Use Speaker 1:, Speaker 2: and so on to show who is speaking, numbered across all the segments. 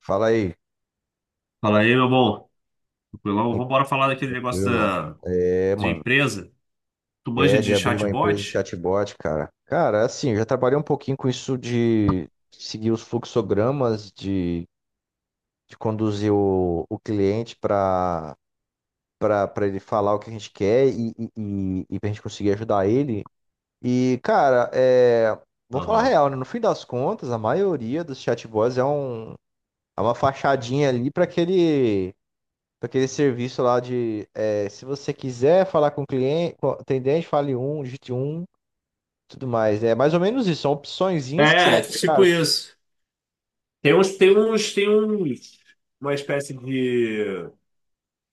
Speaker 1: Fala aí.
Speaker 2: Fala aí, meu bom. Tranquilão?
Speaker 1: Sim,
Speaker 2: Vamos embora falar daquele negócio
Speaker 1: tranquilo. É,
Speaker 2: de
Speaker 1: mano.
Speaker 2: empresa. Tu manja
Speaker 1: é de
Speaker 2: de
Speaker 1: abrir uma empresa de
Speaker 2: chatbot?
Speaker 1: chatbot, cara. Cara, assim, eu já trabalhei um pouquinho com isso de seguir os fluxogramas, de conduzir o cliente para para ele falar o que a gente quer e pra gente conseguir ajudar ele. E, cara, é, vou falar a
Speaker 2: Aham.
Speaker 1: real, né? No fim das contas, a maioria dos chatbots é uma fachadinha ali para aquele. Pra aquele serviço lá de, é, se você quiser falar com o cliente, com o atendente, fale um, digite um, tudo mais. É mais ou menos isso, são opçõezinhas que você dá
Speaker 2: É,
Speaker 1: pro cara,
Speaker 2: tipo
Speaker 1: assim,
Speaker 2: isso. Tem uns, tem uns, tem uns, uma espécie de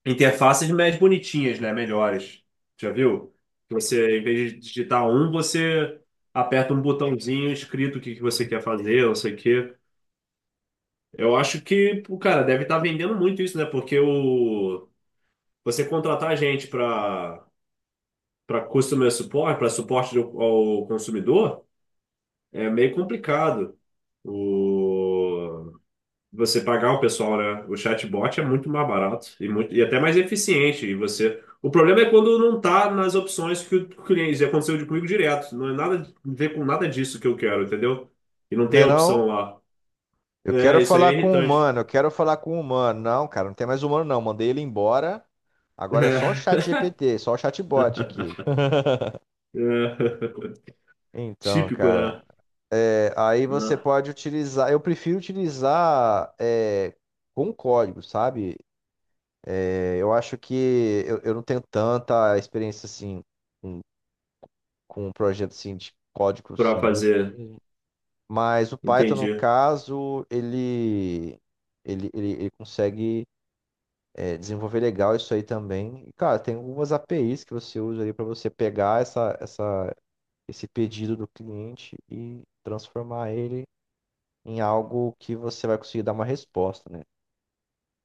Speaker 2: interfaces mais bonitinhas, né? Melhores. Já viu? Que você, em vez de digitar um, você aperta um botãozinho escrito o que que você quer fazer, não sei o quê. Eu acho que, pô, cara, deve estar vendendo muito isso, né? Você contratar gente para customer support, para suporte ao consumidor, é meio complicado o você pagar o pessoal, né? O chatbot é muito mais barato e, muito, e até mais eficiente. E você, o problema é quando não está nas opções que o cliente, já aconteceu comigo direto, não é nada a ver com nada disso que eu quero, entendeu? E não tem
Speaker 1: né
Speaker 2: a
Speaker 1: não?
Speaker 2: opção lá.
Speaker 1: Eu
Speaker 2: É,
Speaker 1: quero
Speaker 2: isso aí é
Speaker 1: falar com o
Speaker 2: irritante.
Speaker 1: humano, eu quero falar com o humano. Não, cara, não tem mais humano não, mandei ele embora. Agora é só o
Speaker 2: É,
Speaker 1: chat GPT, só o chatbot aqui.
Speaker 2: é,
Speaker 1: Então,
Speaker 2: típico, né?
Speaker 1: cara, é, aí você pode utilizar. Eu prefiro utilizar é, com código, sabe? É, eu acho que eu não tenho tanta experiência assim com um projeto assim, de código
Speaker 2: Para
Speaker 1: assim, bruto
Speaker 2: fazer,
Speaker 1: mesmo. Mas o Python, no
Speaker 2: entendi.
Speaker 1: caso, ele consegue é, desenvolver legal isso aí também. E, cara, tem algumas APIs que você usa ali para você pegar esse pedido do cliente e transformar ele em algo que você vai conseguir dar uma resposta, né?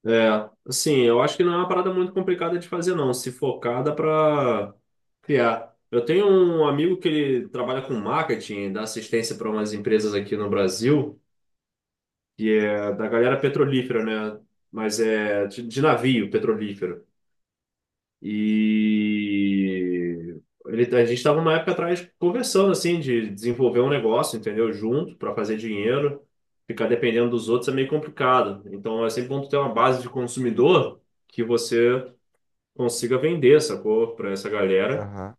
Speaker 2: É, assim, eu acho que não é uma parada muito complicada de fazer, não. Se focada para criar. Eu tenho um amigo que ele trabalha com marketing, dá assistência para umas empresas aqui no Brasil, que é da galera petrolífera, né? Mas é de navio petrolífero. E ele, a gente estava uma época atrás conversando, assim, de desenvolver um negócio, entendeu? Junto, para fazer dinheiro. Ficar dependendo dos outros é meio complicado. Então é sempre bom tu ter uma base de consumidor que você consiga vender essa cor pra essa galera
Speaker 1: Aham.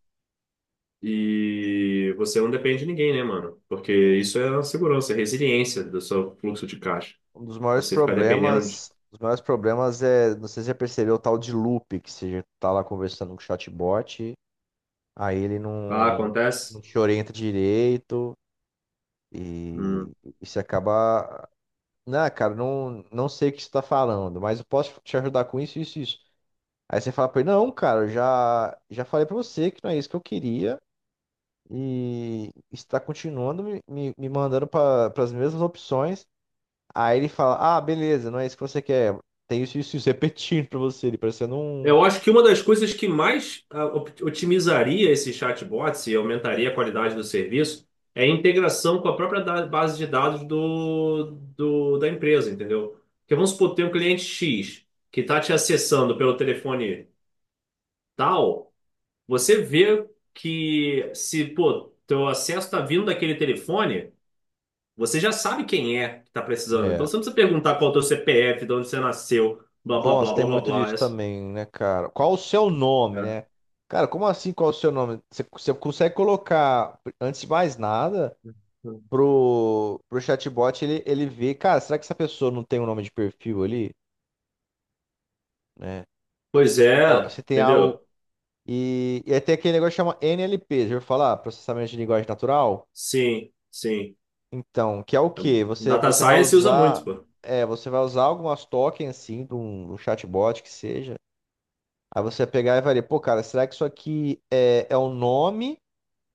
Speaker 2: e você não depende de ninguém, né, mano? Porque isso é a segurança, é a resiliência do seu fluxo de caixa.
Speaker 1: Um dos maiores
Speaker 2: Você ficar dependendo de.
Speaker 1: problemas, os maiores problemas é, não sei se você já percebeu o tal de loop, que você já tá lá conversando com o chatbot. Aí ele
Speaker 2: Ah,
Speaker 1: não,
Speaker 2: acontece?
Speaker 1: não te orienta direito e
Speaker 2: Hum.
Speaker 1: isso acaba. Não, cara, não sei o que você está falando, mas eu posso te ajudar com isso, isso, isso. Aí você fala para ele, não, cara, eu já falei para você que não é isso que eu queria e está continuando me mandando para as mesmas opções. Aí ele fala, ah, beleza, não é isso que você quer. Tem isso, isso, isso, repetindo para você, ele parecendo um.
Speaker 2: Eu acho que uma das coisas que mais otimizaria esses chatbots e aumentaria a qualidade do serviço é a integração com a própria base de dados da empresa, entendeu? Porque vamos supor, tem um cliente X que está te acessando pelo telefone tal. Você vê que se, pô, teu acesso tá vindo daquele telefone, você já sabe quem é que tá precisando. Então
Speaker 1: É,
Speaker 2: você não precisa perguntar qual é o teu CPF, de onde você nasceu, blá, blá,
Speaker 1: nossa,
Speaker 2: blá,
Speaker 1: tem
Speaker 2: blá, blá,
Speaker 1: muito
Speaker 2: blá.
Speaker 1: disso também, né, cara? Qual o seu nome,
Speaker 2: É.
Speaker 1: né? Cara, como assim qual o seu nome? Você consegue colocar, antes de mais nada, pro chatbot ele ver, cara, será que essa pessoa não tem um nome de perfil ali, né?
Speaker 2: Pois
Speaker 1: Se, tem
Speaker 2: é,
Speaker 1: se tem algo.
Speaker 2: entendeu?
Speaker 1: E aí tem aquele negócio que chama NLP, já ouviu falar? Processamento de linguagem natural?
Speaker 2: Sim, sim.
Speaker 1: Então, que é o quê? Você,
Speaker 2: Data
Speaker 1: você vai
Speaker 2: Science usa muito,
Speaker 1: usar.
Speaker 2: pô.
Speaker 1: É, você vai usar algumas tokens, assim, de um chatbot que seja. Aí você ia pegar e varia, pô, cara, será que isso aqui é um nome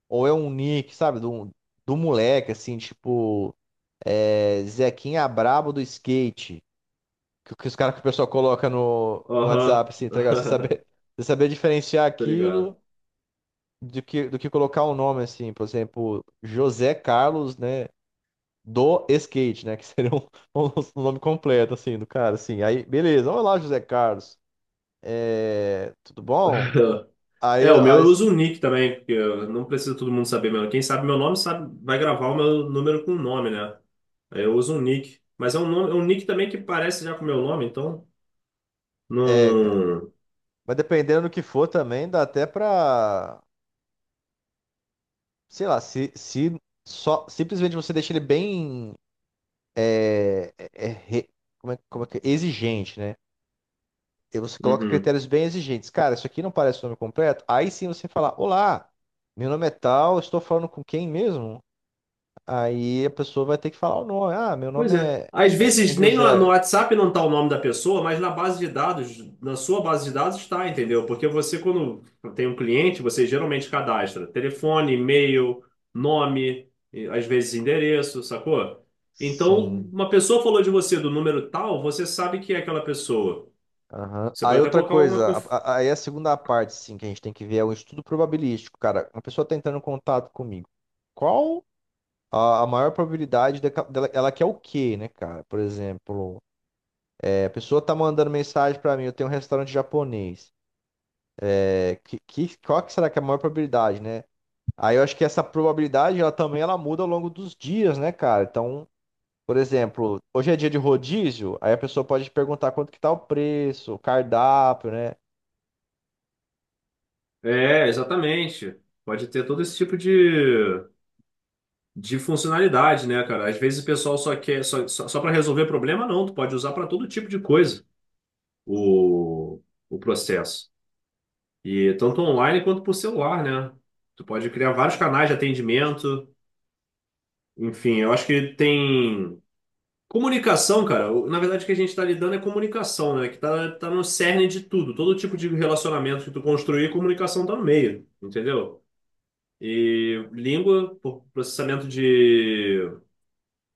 Speaker 1: ou é um nick, sabe? Do, do moleque, assim, tipo, é, Zequinha Brabo do skate. Que os caras que o pessoal coloca no WhatsApp,
Speaker 2: Aham.
Speaker 1: assim, tá ligado? Você saber diferenciar
Speaker 2: Tô
Speaker 1: aquilo
Speaker 2: ligado.
Speaker 1: do que colocar um nome, assim, por exemplo, José Carlos, né? Do skate, né? Que seria um, um nome completo, assim, do cara, assim. Aí, beleza, olá, José Carlos. É, tudo bom?
Speaker 2: É,
Speaker 1: Aí,
Speaker 2: o meu eu
Speaker 1: as,
Speaker 2: uso o nick também, porque eu não preciso todo mundo saber meu. Quem sabe meu nome sabe, vai gravar o meu número com o nome, né? Eu uso um nick. Mas é um nome, é um nick também que parece já com o meu nome, então.
Speaker 1: é, cara.
Speaker 2: Não.
Speaker 1: Mas dependendo do que for também, dá até pra. Sei lá, se só simplesmente você deixa ele bem. É, é, é, re- como é que é? Exigente, né? E você coloca
Speaker 2: Uhum.
Speaker 1: critérios bem exigentes. Cara, isso aqui não parece o nome completo. Aí sim você fala: olá, meu nome é tal, estou falando com quem mesmo? Aí a pessoa vai ter que falar o nome. Ah, meu
Speaker 2: Pois
Speaker 1: nome
Speaker 2: é.
Speaker 1: é,
Speaker 2: Às
Speaker 1: é
Speaker 2: vezes nem no
Speaker 1: José.
Speaker 2: WhatsApp não tá o nome da pessoa, mas na base de dados, na sua base de dados está, entendeu? Porque você, quando tem um cliente, você geralmente cadastra telefone, e-mail, nome, e às vezes endereço, sacou? Então,
Speaker 1: Sim.
Speaker 2: uma pessoa falou de você do número tal, você sabe que é aquela pessoa.
Speaker 1: Aham.
Speaker 2: Você pode
Speaker 1: Aí
Speaker 2: até
Speaker 1: outra
Speaker 2: colocar uma.
Speaker 1: coisa, aí a segunda parte, sim, que a gente tem que ver é o estudo probabilístico, cara. Uma pessoa tá entrando em contato comigo. Qual a maior probabilidade dela, ela quer o quê, né, cara? Por exemplo, é, a pessoa tá mandando mensagem pra mim, eu tenho um restaurante japonês. É, qual que será que é a maior probabilidade, né? Aí eu acho que essa probabilidade, ela também ela muda ao longo dos dias, né, cara? Então, por exemplo, hoje é dia de rodízio, aí a pessoa pode perguntar quanto que tá o preço, o cardápio, né?
Speaker 2: É, exatamente. Pode ter todo esse tipo de funcionalidade, né, cara? Às vezes o pessoal só quer só, só, só para resolver problema, não. Tu pode usar para todo tipo de coisa o, o processo. E tanto online quanto por celular, né? Tu pode criar vários canais de atendimento. Enfim, eu acho que tem comunicação, cara. Na verdade, o que a gente está lidando é comunicação, né? Que tá no cerne de tudo. Todo tipo de relacionamento que tu construir, comunicação tá no meio, entendeu? Por processamento de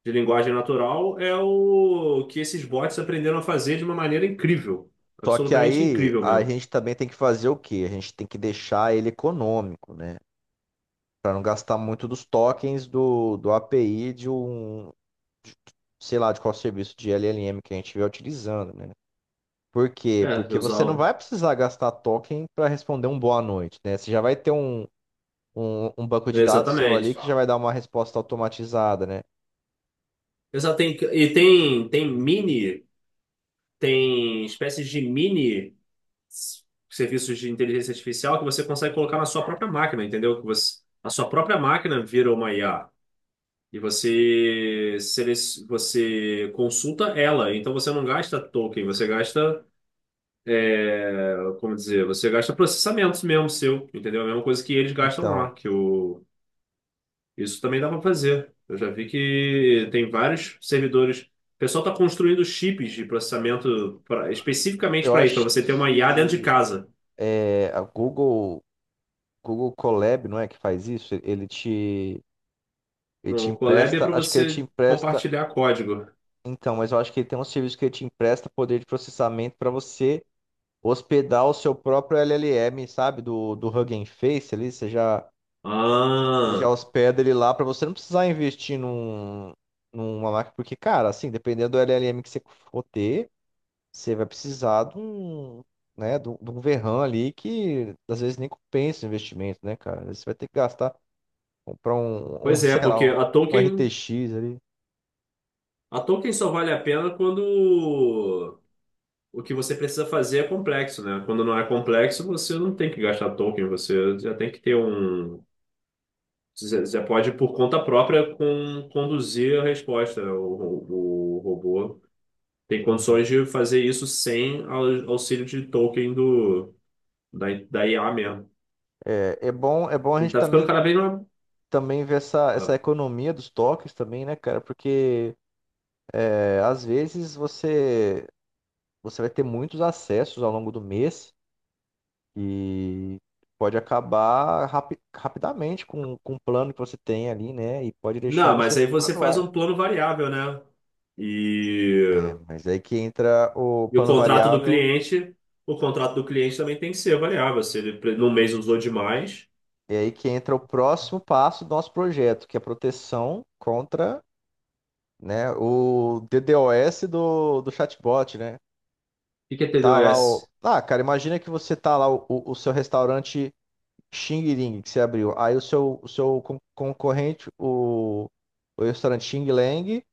Speaker 2: de linguagem natural é o que esses bots aprenderam a fazer de uma maneira incrível.
Speaker 1: Só que
Speaker 2: Absolutamente
Speaker 1: aí
Speaker 2: incrível
Speaker 1: a
Speaker 2: mesmo.
Speaker 1: gente também tem que fazer o quê? A gente tem que deixar ele econômico, né? Para não gastar muito dos tokens do API de um, de- sei lá, de qual serviço de LLM que a gente estiver utilizando, né? Por quê?
Speaker 2: É, eu
Speaker 1: Porque você não
Speaker 2: usava.
Speaker 1: vai precisar gastar token para responder um boa noite, né? Você já vai ter um banco de dados seu ali
Speaker 2: Exatamente.
Speaker 1: que já vai dar uma resposta automatizada, né?
Speaker 2: Exato, tem, e tem, tem mini, tem espécies de mini s- serviços de inteligência artificial que você consegue colocar na sua própria máquina, entendeu? Que você, a sua própria máquina vira uma IA. E você, você consulta ela, então você não gasta token, você gasta como dizer, você gasta processamentos mesmo seu, entendeu? A mesma coisa que eles gastam lá,
Speaker 1: Então,
Speaker 2: isso também dá para fazer. Eu já vi que tem vários servidores. O pessoal está construindo chips de processamento especificamente
Speaker 1: eu
Speaker 2: para isso, para
Speaker 1: acho
Speaker 2: você ter uma IA dentro de
Speaker 1: que
Speaker 2: casa.
Speaker 1: é, a Google, Google Colab, não é que faz isso? Ele te ele te
Speaker 2: No Colab é
Speaker 1: empresta,
Speaker 2: para
Speaker 1: acho que ele te
Speaker 2: você
Speaker 1: empresta,
Speaker 2: compartilhar código.
Speaker 1: então, mas eu acho que ele tem um serviço que ele te empresta poder de processamento para você hospedar o seu próprio LLM, sabe, do Hugging Face ali, você já
Speaker 2: Ah,
Speaker 1: hospeda ele lá para você não precisar investir num, numa máquina, porque, cara, assim, dependendo do LLM que você for ter, você vai precisar de um, né, de um verran ali que às vezes nem compensa o investimento, né, cara? Às vezes você vai ter que gastar, comprar um, um
Speaker 2: pois é,
Speaker 1: sei lá,
Speaker 2: porque a
Speaker 1: um
Speaker 2: token,
Speaker 1: RTX ali.
Speaker 2: a token só vale a pena quando o que você precisa fazer é complexo, né? Quando não é complexo, você não tem que gastar token, você já tem que ter um. Você pode, por conta própria, conduzir a resposta. O robô tem
Speaker 1: Uhum.
Speaker 2: condições de fazer isso sem auxílio de token da IA mesmo.
Speaker 1: É bom a
Speaker 2: E
Speaker 1: gente
Speaker 2: tá ficando
Speaker 1: também,
Speaker 2: cada vez mais.
Speaker 1: também ver essa
Speaker 2: Ah.
Speaker 1: economia dos toques também, né, cara? Porque é, às vezes você, você vai ter muitos acessos ao longo do mês e pode acabar rapidamente com o plano que você tem ali, né? E pode deixar
Speaker 2: Não,
Speaker 1: você
Speaker 2: mas aí
Speaker 1: fora
Speaker 2: você
Speaker 1: do
Speaker 2: faz
Speaker 1: ar.
Speaker 2: um plano variável, né?
Speaker 1: É,
Speaker 2: E,
Speaker 1: mas é aí que entra o
Speaker 2: e o
Speaker 1: plano
Speaker 2: contrato do
Speaker 1: variável,
Speaker 2: cliente, o contrato do cliente também tem que ser variável. Se ele num mês usou demais.
Speaker 1: e aí que entra o próximo passo do nosso projeto, que é a proteção contra, né, o DDoS do chatbot, né?
Speaker 2: O que que é
Speaker 1: Tá lá o.
Speaker 2: TDOS?
Speaker 1: Ah, cara, imagina que você tá lá, o seu restaurante Xing Ling que você abriu. Aí o seu concorrente, o restaurante Xing Lang,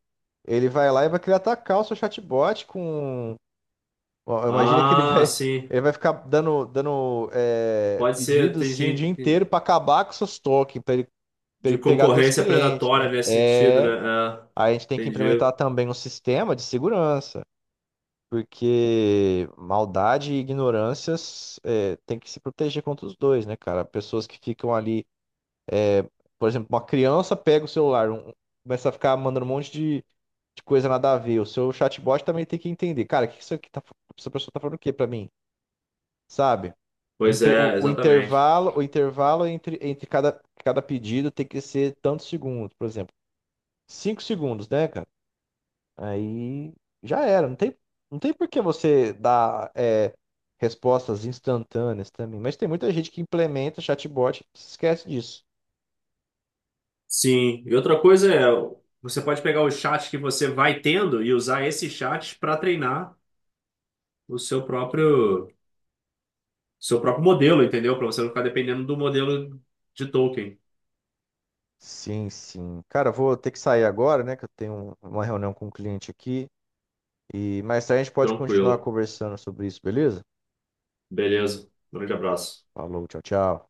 Speaker 1: ele vai lá e vai querer atacar o seu chatbot com. Ó, imagina que ele
Speaker 2: Ah,
Speaker 1: vai.
Speaker 2: sim.
Speaker 1: Ele vai ficar dando é,
Speaker 2: Pode ser.
Speaker 1: pedidos
Speaker 2: Tem
Speaker 1: assim o dia
Speaker 2: gente
Speaker 1: inteiro pra acabar com seus tokens, pra ele
Speaker 2: de
Speaker 1: pegar teus
Speaker 2: concorrência
Speaker 1: clientes, né?
Speaker 2: predatória nesse sentido,
Speaker 1: É.
Speaker 2: né?
Speaker 1: Aí a gente tem
Speaker 2: É,
Speaker 1: que implementar
Speaker 2: entendi.
Speaker 1: também um sistema de segurança. Porque maldade e ignorâncias é, tem que se proteger contra os dois, né, cara? Pessoas que ficam ali, por exemplo, uma criança pega o celular, um- começa a ficar mandando um monte de coisa nada a ver. O seu chatbot também tem que entender, cara, o que que isso aqui tá, fa- essa pessoa tá falando o quê pra mim? Sabe?
Speaker 2: Pois é, exatamente.
Speaker 1: O intervalo entre cada, cada pedido tem que ser tantos segundos, por exemplo. 5 segundos, né, cara? Aí já era. Não tem, não tem por que você dar é, respostas instantâneas também. Mas tem muita gente que implementa chatbot e se esquece disso.
Speaker 2: Sim. E outra coisa é, você pode pegar o chat que você vai tendo e usar esse chat para treinar o seu próprio modelo, entendeu? Para você não ficar dependendo do modelo de token.
Speaker 1: Sim, sim. Cara, eu vou ter que sair agora, né? Que eu tenho uma reunião com um cliente aqui. E mais tarde a gente pode continuar
Speaker 2: Tranquilo.
Speaker 1: conversando sobre isso, beleza?
Speaker 2: Beleza. Um grande abraço.
Speaker 1: Falou, tchau, tchau.